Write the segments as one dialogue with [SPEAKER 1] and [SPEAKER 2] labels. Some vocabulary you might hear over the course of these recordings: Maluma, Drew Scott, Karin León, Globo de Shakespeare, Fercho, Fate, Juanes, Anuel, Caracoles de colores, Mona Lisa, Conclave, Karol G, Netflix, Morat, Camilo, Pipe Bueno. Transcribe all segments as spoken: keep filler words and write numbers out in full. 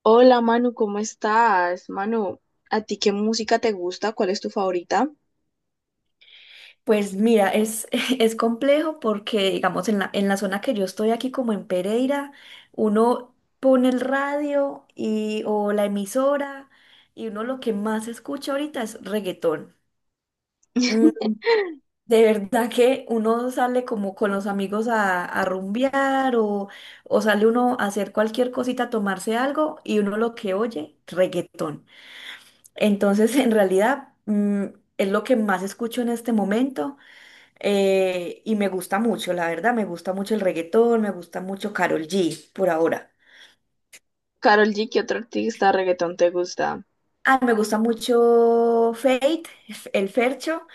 [SPEAKER 1] Hola Manu, ¿cómo estás? Manu, ¿a ti qué música te gusta? ¿Cuál es tu favorita?
[SPEAKER 2] Pues mira, es, es complejo porque, digamos, en la, en la zona que yo estoy aquí, como en Pereira, uno pone el radio y, o la emisora y uno lo que más escucha ahorita es reggaetón. Mm, De verdad que uno sale como con los amigos a, a rumbear o, o sale uno a hacer cualquier cosita, a tomarse algo y uno lo que oye, reggaetón. Entonces, en realidad, mm, es lo que más escucho en este momento, eh, y me gusta mucho, la verdad, me gusta mucho el reggaetón, me gusta mucho Karol G por ahora.
[SPEAKER 1] Karol G, ¿qué otro artista de reggaetón te gusta?
[SPEAKER 2] Ah, me gusta mucho Fate, el Fercho,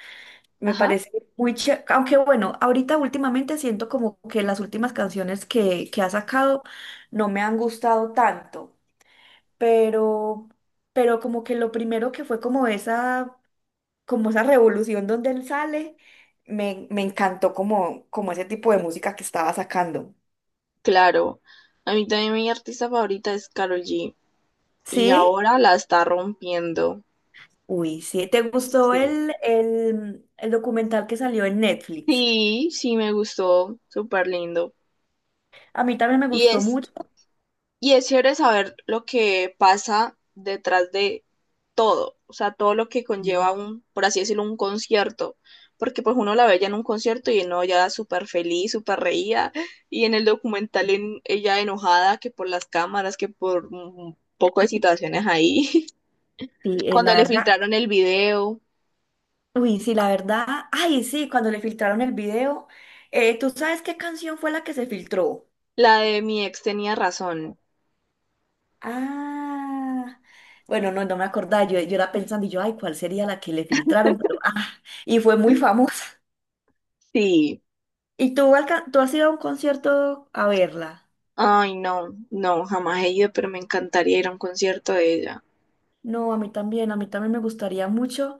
[SPEAKER 2] me
[SPEAKER 1] Ajá,
[SPEAKER 2] parece muy chévere, aunque bueno, ahorita últimamente siento como que las últimas canciones que, que ha sacado no me han gustado tanto, pero, pero como que lo primero que fue como esa, como esa revolución donde él sale, me, me encantó como, como ese tipo de música que estaba sacando.
[SPEAKER 1] claro. A mí también mi artista favorita es Karol G y
[SPEAKER 2] ¿Sí?
[SPEAKER 1] ahora la está rompiendo.
[SPEAKER 2] Uy, sí. ¿Te gustó
[SPEAKER 1] Sí.
[SPEAKER 2] el, el, el documental que salió en Netflix?
[SPEAKER 1] Sí, sí me gustó, súper lindo.
[SPEAKER 2] A mí también me
[SPEAKER 1] Y
[SPEAKER 2] gustó
[SPEAKER 1] es
[SPEAKER 2] mucho.
[SPEAKER 1] Y es chévere saber lo que pasa detrás de todo, o sea, todo lo que conlleva
[SPEAKER 2] Sí,
[SPEAKER 1] un, por así decirlo, un concierto, porque pues uno la ve ya en un concierto y no, ya súper feliz, súper reía, y en el documental en- ella enojada que por las cámaras, que por un poco de situaciones ahí,
[SPEAKER 2] sí, eh, la
[SPEAKER 1] cuando le
[SPEAKER 2] verdad.
[SPEAKER 1] filtraron el video,
[SPEAKER 2] Uy, sí, la verdad. Ay, sí, cuando le filtraron el video. Eh, ¿tú sabes qué canción fue la que se filtró?
[SPEAKER 1] la de mi ex tenía razón.
[SPEAKER 2] Ah, bueno, no, no me acordaba. Yo, yo era pensando, y yo, ay, ¿cuál sería la que le filtraron? Pero, ah, y fue muy famosa.
[SPEAKER 1] Sí,
[SPEAKER 2] ¿Y tú, alca- tú has ido a un concierto a verla?
[SPEAKER 1] ay no, no, jamás he ido, pero me encantaría ir a un concierto de ella.
[SPEAKER 2] No, a mí también, a mí también me gustaría mucho.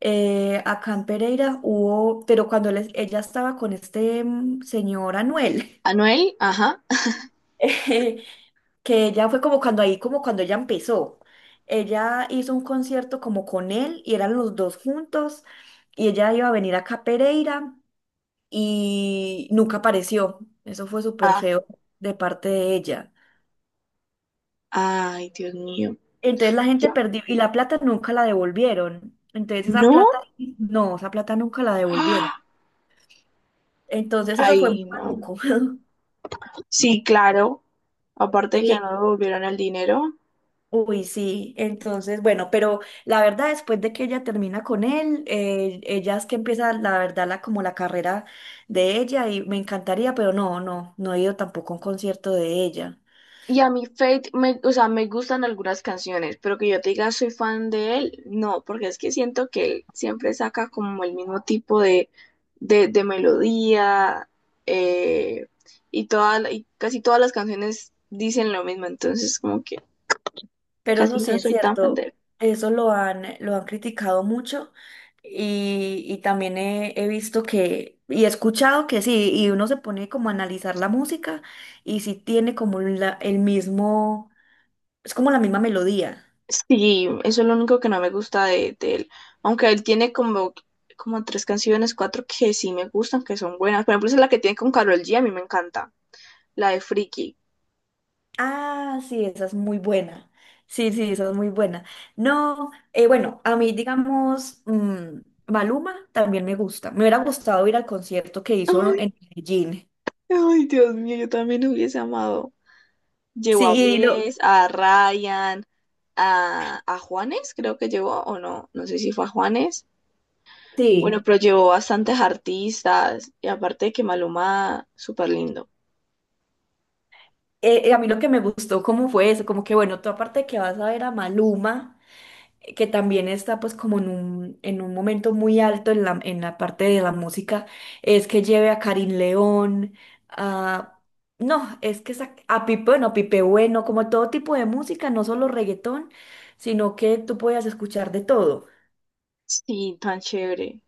[SPEAKER 2] Eh, acá en Pereira hubo, pero cuando él es- ella estaba con este mm, señor Anuel,
[SPEAKER 1] Anuel, ajá.
[SPEAKER 2] eh, que ella fue como cuando ahí, como cuando ella empezó. Ella hizo un concierto como con él y eran los dos juntos y ella iba a venir acá a Pereira y nunca apareció. Eso fue súper feo de parte de ella.
[SPEAKER 1] Ay, Dios mío.
[SPEAKER 2] Entonces la gente
[SPEAKER 1] Yo,
[SPEAKER 2] perdió y la plata nunca la devolvieron. Entonces esa
[SPEAKER 1] ¿no?
[SPEAKER 2] plata, no, esa plata nunca la devolvieron.
[SPEAKER 1] ¡Ah!
[SPEAKER 2] Entonces eso fue muy
[SPEAKER 1] Ay, no.
[SPEAKER 2] maluco.
[SPEAKER 1] Sí, claro. Aparte que no me
[SPEAKER 2] Y,
[SPEAKER 1] devolvieron el dinero.
[SPEAKER 2] uy, sí, entonces, bueno, pero la verdad, después de que ella termina con él, eh, ella es que empieza, la verdad, la, como la carrera de ella y me encantaría, pero no, no, no he ido tampoco a un concierto de ella.
[SPEAKER 1] Y a mí Fate, me, o sea, me gustan algunas canciones, pero que yo te diga soy fan de él, no, porque es que siento que él siempre saca como el mismo tipo de, de, de melodía, eh, y, toda, y casi todas las canciones dicen lo mismo, entonces como que
[SPEAKER 2] Pero eso
[SPEAKER 1] casi
[SPEAKER 2] sí
[SPEAKER 1] no
[SPEAKER 2] es
[SPEAKER 1] soy tan fan de
[SPEAKER 2] cierto,
[SPEAKER 1] él.
[SPEAKER 2] eso lo han, lo han criticado mucho y, y también he, he visto que, y he escuchado que sí, y uno se pone como a analizar la música y sí tiene como la- el mismo, es como la misma melodía.
[SPEAKER 1] Sí, eso es lo único que no me gusta de, de él. Aunque él tiene como, como tres canciones, cuatro que sí me gustan, que son buenas. Por ejemplo, esa es la que tiene con Karol G, a mí me encanta. La de Friki.
[SPEAKER 2] Ah, sí, esa es muy buena. Sí, sí, esa es muy buena. No, eh, bueno, a mí digamos, mm, Maluma también me gusta. Me hubiera gustado ir al concierto que hizo
[SPEAKER 1] Ay,
[SPEAKER 2] en Medellín.
[SPEAKER 1] ay, Dios mío, yo también hubiese amado. Llevó a
[SPEAKER 2] Sí, lo,
[SPEAKER 1] Bless, a Ryan, a, a Juanes, creo que llevó, o no, no sé si fue a Juanes. Bueno,
[SPEAKER 2] sí.
[SPEAKER 1] pero llevó bastantes artistas. Y aparte de que Maluma, súper lindo.
[SPEAKER 2] eh, eh, a mí lo que me gustó cómo fue eso, como que bueno, tú aparte de que vas a ver a Maluma, eh, que también está pues como en un, en un momento muy alto en la, en la parte de la música, es que lleve a Karin León, a... No, es que esa- a Pipe, bueno, Pipe Bueno, como todo tipo de música, no solo reggaetón, sino que tú podías escuchar de todo.
[SPEAKER 1] Sí, tan chévere.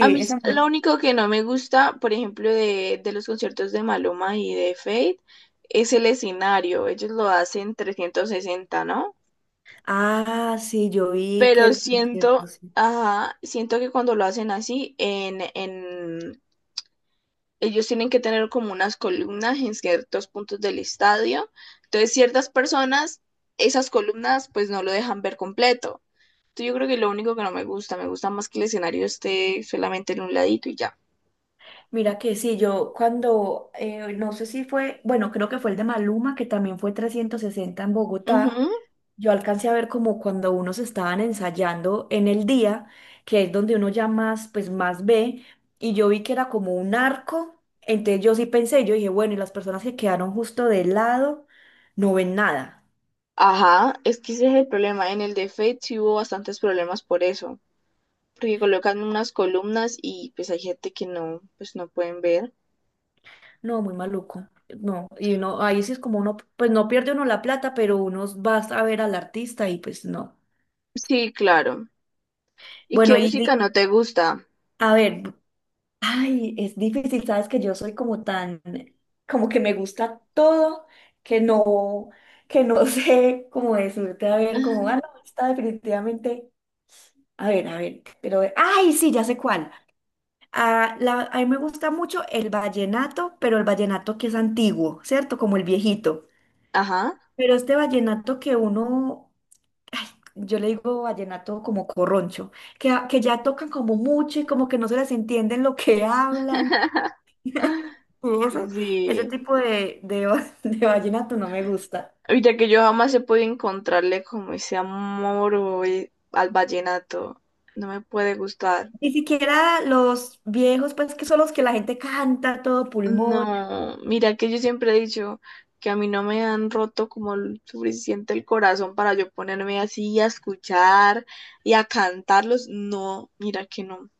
[SPEAKER 1] A mí s-
[SPEAKER 2] esa...
[SPEAKER 1] lo
[SPEAKER 2] me-
[SPEAKER 1] único que no me gusta, por ejemplo, de, de los conciertos de Maluma y de Fate, es el escenario. Ellos lo hacen trescientos sesenta, ¿no?
[SPEAKER 2] Ah, sí, yo vi que
[SPEAKER 1] Pero
[SPEAKER 2] el concierto,
[SPEAKER 1] siento,
[SPEAKER 2] sí.
[SPEAKER 1] ajá, siento que cuando lo hacen así, en, en, ellos tienen que tener como unas columnas en ciertos puntos del estadio. Entonces, ciertas personas, esas columnas, pues no lo dejan ver completo. Entonces, yo creo que lo único que no me gusta, me gusta más que el escenario esté solamente en un ladito y ya.
[SPEAKER 2] Mira que sí, yo cuando, eh, no sé si fue, bueno, creo que fue el de Maluma, que también fue trescientos sesenta en Bogotá, yo alcancé a ver como cuando unos estaban ensayando en el día, que es donde uno ya más, pues más ve, y yo vi que era como un arco, entonces yo sí pensé, yo dije, bueno, y las personas que quedaron justo del lado no ven nada,
[SPEAKER 1] Ajá, es que ese es el problema. En el de Fate sí hubo bastantes problemas por eso, porque colocan unas columnas y pues hay gente que no, pues no pueden ver.
[SPEAKER 2] no, muy maluco, no, y uno, ahí sí es como uno, pues no pierde uno la plata, pero uno va a ver al artista y pues no.
[SPEAKER 1] Sí, claro. ¿Y
[SPEAKER 2] Bueno,
[SPEAKER 1] qué
[SPEAKER 2] y
[SPEAKER 1] música
[SPEAKER 2] di-
[SPEAKER 1] no te gusta?
[SPEAKER 2] a ver. Ay, es difícil, sabes que yo soy como tan, como que me gusta todo, que no, que no sé cómo decirte, a ver, como, ah, no, está definitivamente, a ver, a ver, pero, ay, sí, ya sé cuál. Ah, la- a mí me gusta mucho el vallenato, pero el vallenato que es antiguo, ¿cierto? Como el viejito.
[SPEAKER 1] Ajá.
[SPEAKER 2] Pero este vallenato que uno, ay, yo le digo vallenato como corroncho, que, que ya tocan como mucho y como que no se les entiende lo que hablan. Y eso, ese
[SPEAKER 1] Sí.
[SPEAKER 2] tipo de, de, va- de vallenato no me gusta.
[SPEAKER 1] Ahorita que yo jamás he podido encontrarle como ese amor o e- al vallenato. No me puede gustar.
[SPEAKER 2] Ni siquiera los viejos, pues que son los que la gente canta a todo pulmón.
[SPEAKER 1] No, mira que yo siempre he dicho que a mí no me han roto como el suficiente el corazón para yo ponerme así a escuchar y a cantarlos. No, mira que no,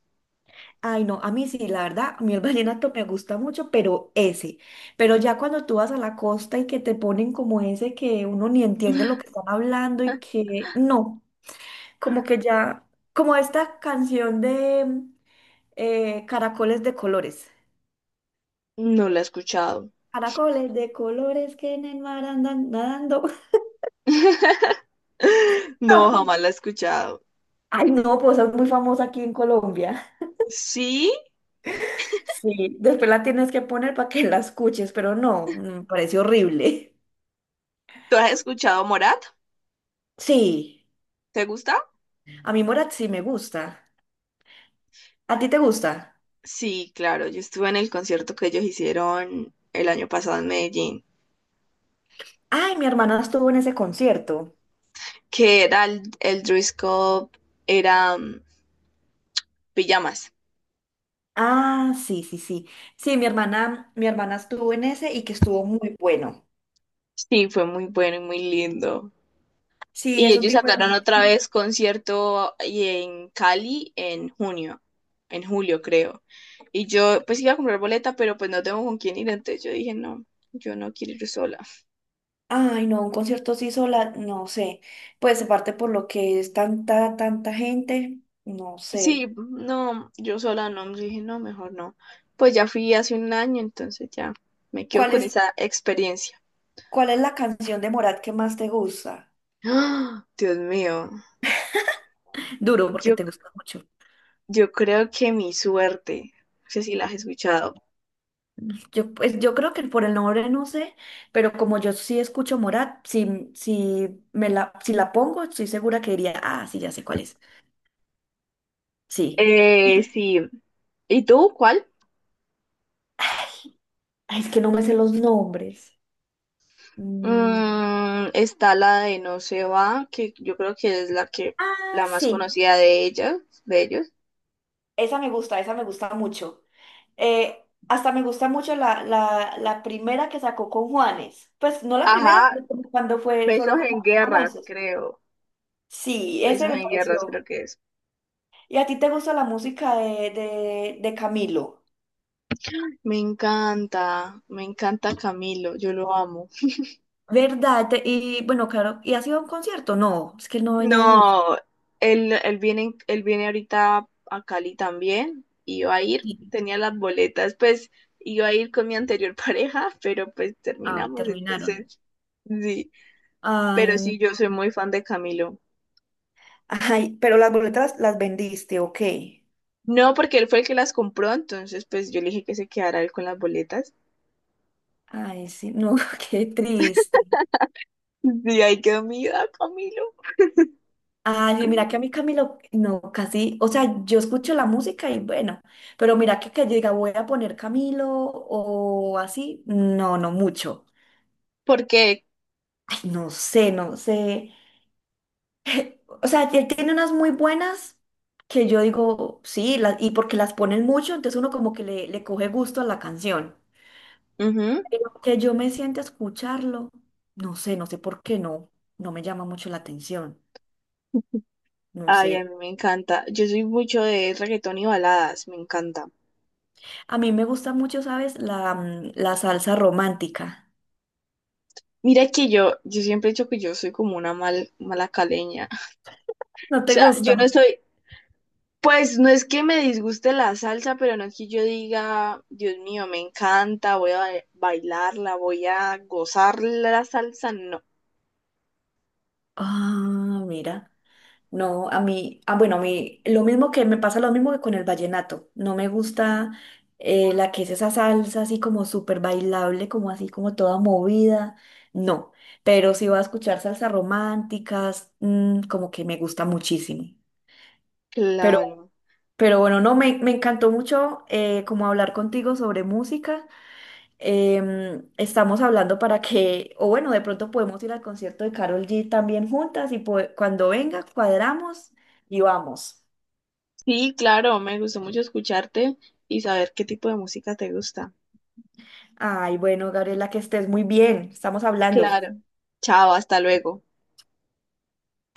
[SPEAKER 2] Ay, no, a mí sí, la verdad, a mí el vallenato me gusta mucho, pero ese. Pero ya cuando tú vas a la costa y que te ponen como ese que uno ni entiende lo que están hablando y que no, como que ya, como esta canción de eh, Caracoles de colores.
[SPEAKER 1] no la he escuchado.
[SPEAKER 2] Caracoles de colores que en el mar andan nadando.
[SPEAKER 1] No, jamás la he escuchado.
[SPEAKER 2] Ay, no, pues es muy famosa aquí en Colombia.
[SPEAKER 1] Sí,
[SPEAKER 2] Sí, después la tienes que poner para que la escuches, pero no, me parece horrible.
[SPEAKER 1] ¿tú has escuchado Morat?
[SPEAKER 2] Sí,
[SPEAKER 1] ¿Te gusta?
[SPEAKER 2] a mí Morat sí me gusta. ¿A ti te gusta?
[SPEAKER 1] Sí, claro, yo estuve en el concierto que ellos hicieron el año pasado en Medellín,
[SPEAKER 2] Ay, mi hermana estuvo en ese concierto.
[SPEAKER 1] que era el, el Drew Scott, era mm, Pijamas.
[SPEAKER 2] Ah, sí, sí, sí. Sí, mi hermana, mi hermana estuvo en ese y que estuvo muy bueno.
[SPEAKER 1] Sí, fue muy bueno y muy lindo.
[SPEAKER 2] Sí,
[SPEAKER 1] Y
[SPEAKER 2] es un
[SPEAKER 1] ellos
[SPEAKER 2] tipo de
[SPEAKER 1] sacaron otra
[SPEAKER 2] música.
[SPEAKER 1] vez concierto y en Cali en junio, en julio creo. Y yo pues iba a comprar boleta, pero pues no tengo con quién ir, entonces yo dije, no, yo no quiero ir sola.
[SPEAKER 2] Ay, no, un concierto así sola, no sé. Pues aparte por lo que es tanta, tanta gente, no
[SPEAKER 1] Sí,
[SPEAKER 2] sé.
[SPEAKER 1] no, yo sola no, yo dije, no, mejor no. Pues ya fui hace un año, entonces ya me quedo
[SPEAKER 2] ¿Cuál
[SPEAKER 1] con
[SPEAKER 2] es?
[SPEAKER 1] esa experiencia.
[SPEAKER 2] ¿Cuál es la canción de Morat que más te gusta?
[SPEAKER 1] ¡Ah! Dios mío,
[SPEAKER 2] Duro, porque
[SPEAKER 1] yo,
[SPEAKER 2] te gusta mucho.
[SPEAKER 1] yo creo que mi suerte, no sé si la has escuchado.
[SPEAKER 2] Yo, pues, yo creo que por el nombre no sé, pero como yo sí escucho Morat, si, si, me la, si la pongo, estoy segura que diría, ah, sí, ya sé cuál es. Sí.
[SPEAKER 1] Eh,
[SPEAKER 2] Y,
[SPEAKER 1] sí. ¿Y tú cuál?
[SPEAKER 2] ay, es que no me sé los nombres. Mm,
[SPEAKER 1] Mm, está la de No se va, que yo creo que es la que
[SPEAKER 2] Ah,
[SPEAKER 1] la más
[SPEAKER 2] sí.
[SPEAKER 1] conocida de ellas, de ellos.
[SPEAKER 2] Esa me gusta, esa me gusta mucho. Eh, hasta me gusta mucho la, la, la primera que sacó con Juanes. Pues no la primera,
[SPEAKER 1] Ajá,
[SPEAKER 2] pero como cuando fue, fueron
[SPEAKER 1] Besos
[SPEAKER 2] como
[SPEAKER 1] en
[SPEAKER 2] más
[SPEAKER 1] Guerras,
[SPEAKER 2] famosos.
[SPEAKER 1] creo.
[SPEAKER 2] Sí, ese
[SPEAKER 1] Besos
[SPEAKER 2] me
[SPEAKER 1] en Guerras, creo
[SPEAKER 2] pareció.
[SPEAKER 1] que es.
[SPEAKER 2] ¿Y a ti te gusta la música de, de, de Camilo?
[SPEAKER 1] Me encanta, me encanta Camilo, yo lo amo.
[SPEAKER 2] ¿Verdad? Te- Y bueno, claro, ¿y ha sido un concierto? No, es que no he venido mucho.
[SPEAKER 1] No, él, él viene, él viene ahorita a Cali también, iba a ir,
[SPEAKER 2] Sí.
[SPEAKER 1] tenía las boletas, pues iba a ir con mi anterior pareja, pero pues
[SPEAKER 2] Ay,
[SPEAKER 1] terminamos,
[SPEAKER 2] terminaron.
[SPEAKER 1] entonces, sí, pero
[SPEAKER 2] Ay, no.
[SPEAKER 1] sí, yo soy muy fan de Camilo.
[SPEAKER 2] Ay, pero las boletas las vendiste, ok.
[SPEAKER 1] No, porque él fue el que las compró, entonces pues yo le dije que se quedara él con las boletas.
[SPEAKER 2] Ay, sí, no, qué triste.
[SPEAKER 1] Y ahí quedó mi vida, Camilo.
[SPEAKER 2] Ay, sí, mira que a mí Camilo, no, casi, o sea, yo escucho la música y bueno, pero mira que que, yo diga voy a poner Camilo o así, no, no mucho.
[SPEAKER 1] Porque,
[SPEAKER 2] Ay, no sé, no sé. O sea, él tiene unas muy buenas que yo digo, sí, las- y porque las ponen mucho, entonces uno como que le, le coge gusto a la canción.
[SPEAKER 1] ujú,
[SPEAKER 2] Pero que yo me siente a escucharlo, no sé, no sé por qué no, no me llama mucho la atención, no
[SPEAKER 1] ay, a mí
[SPEAKER 2] sé.
[SPEAKER 1] me encanta. Yo soy mucho de reggaetón y baladas, me encanta.
[SPEAKER 2] A mí me gusta mucho, ¿sabes? La, mm, la salsa romántica.
[SPEAKER 1] Mira que yo, yo siempre he dicho que yo soy como una mal, mala caleña.
[SPEAKER 2] ¿No
[SPEAKER 1] O
[SPEAKER 2] te
[SPEAKER 1] sea, yo no
[SPEAKER 2] gusta?
[SPEAKER 1] estoy, pues no es que me disguste la salsa, pero no es que yo diga, Dios mío, me encanta, voy a ba- bailarla, voy a gozar la salsa. No,
[SPEAKER 2] Ah, mira. No, a mí, ah, bueno, a mí, lo mismo que me pasa lo mismo que con el vallenato. No me gusta eh, la que es esa salsa así como súper bailable, como así como toda movida. No, pero si va a escuchar salsas románticas, mm, como que me gusta muchísimo. Pero,
[SPEAKER 1] claro.
[SPEAKER 2] pero bueno, no, me, me encantó mucho eh, como hablar contigo sobre música. Em, estamos hablando para que, o bueno, de pronto podemos ir al concierto de Carol G también juntas y po- cuando venga, cuadramos y vamos.
[SPEAKER 1] Sí, claro, me gustó mucho escucharte y saber qué tipo de música te gusta.
[SPEAKER 2] Ay, bueno, Gabriela, que estés muy bien. Estamos hablando.
[SPEAKER 1] Claro. Chao, hasta luego.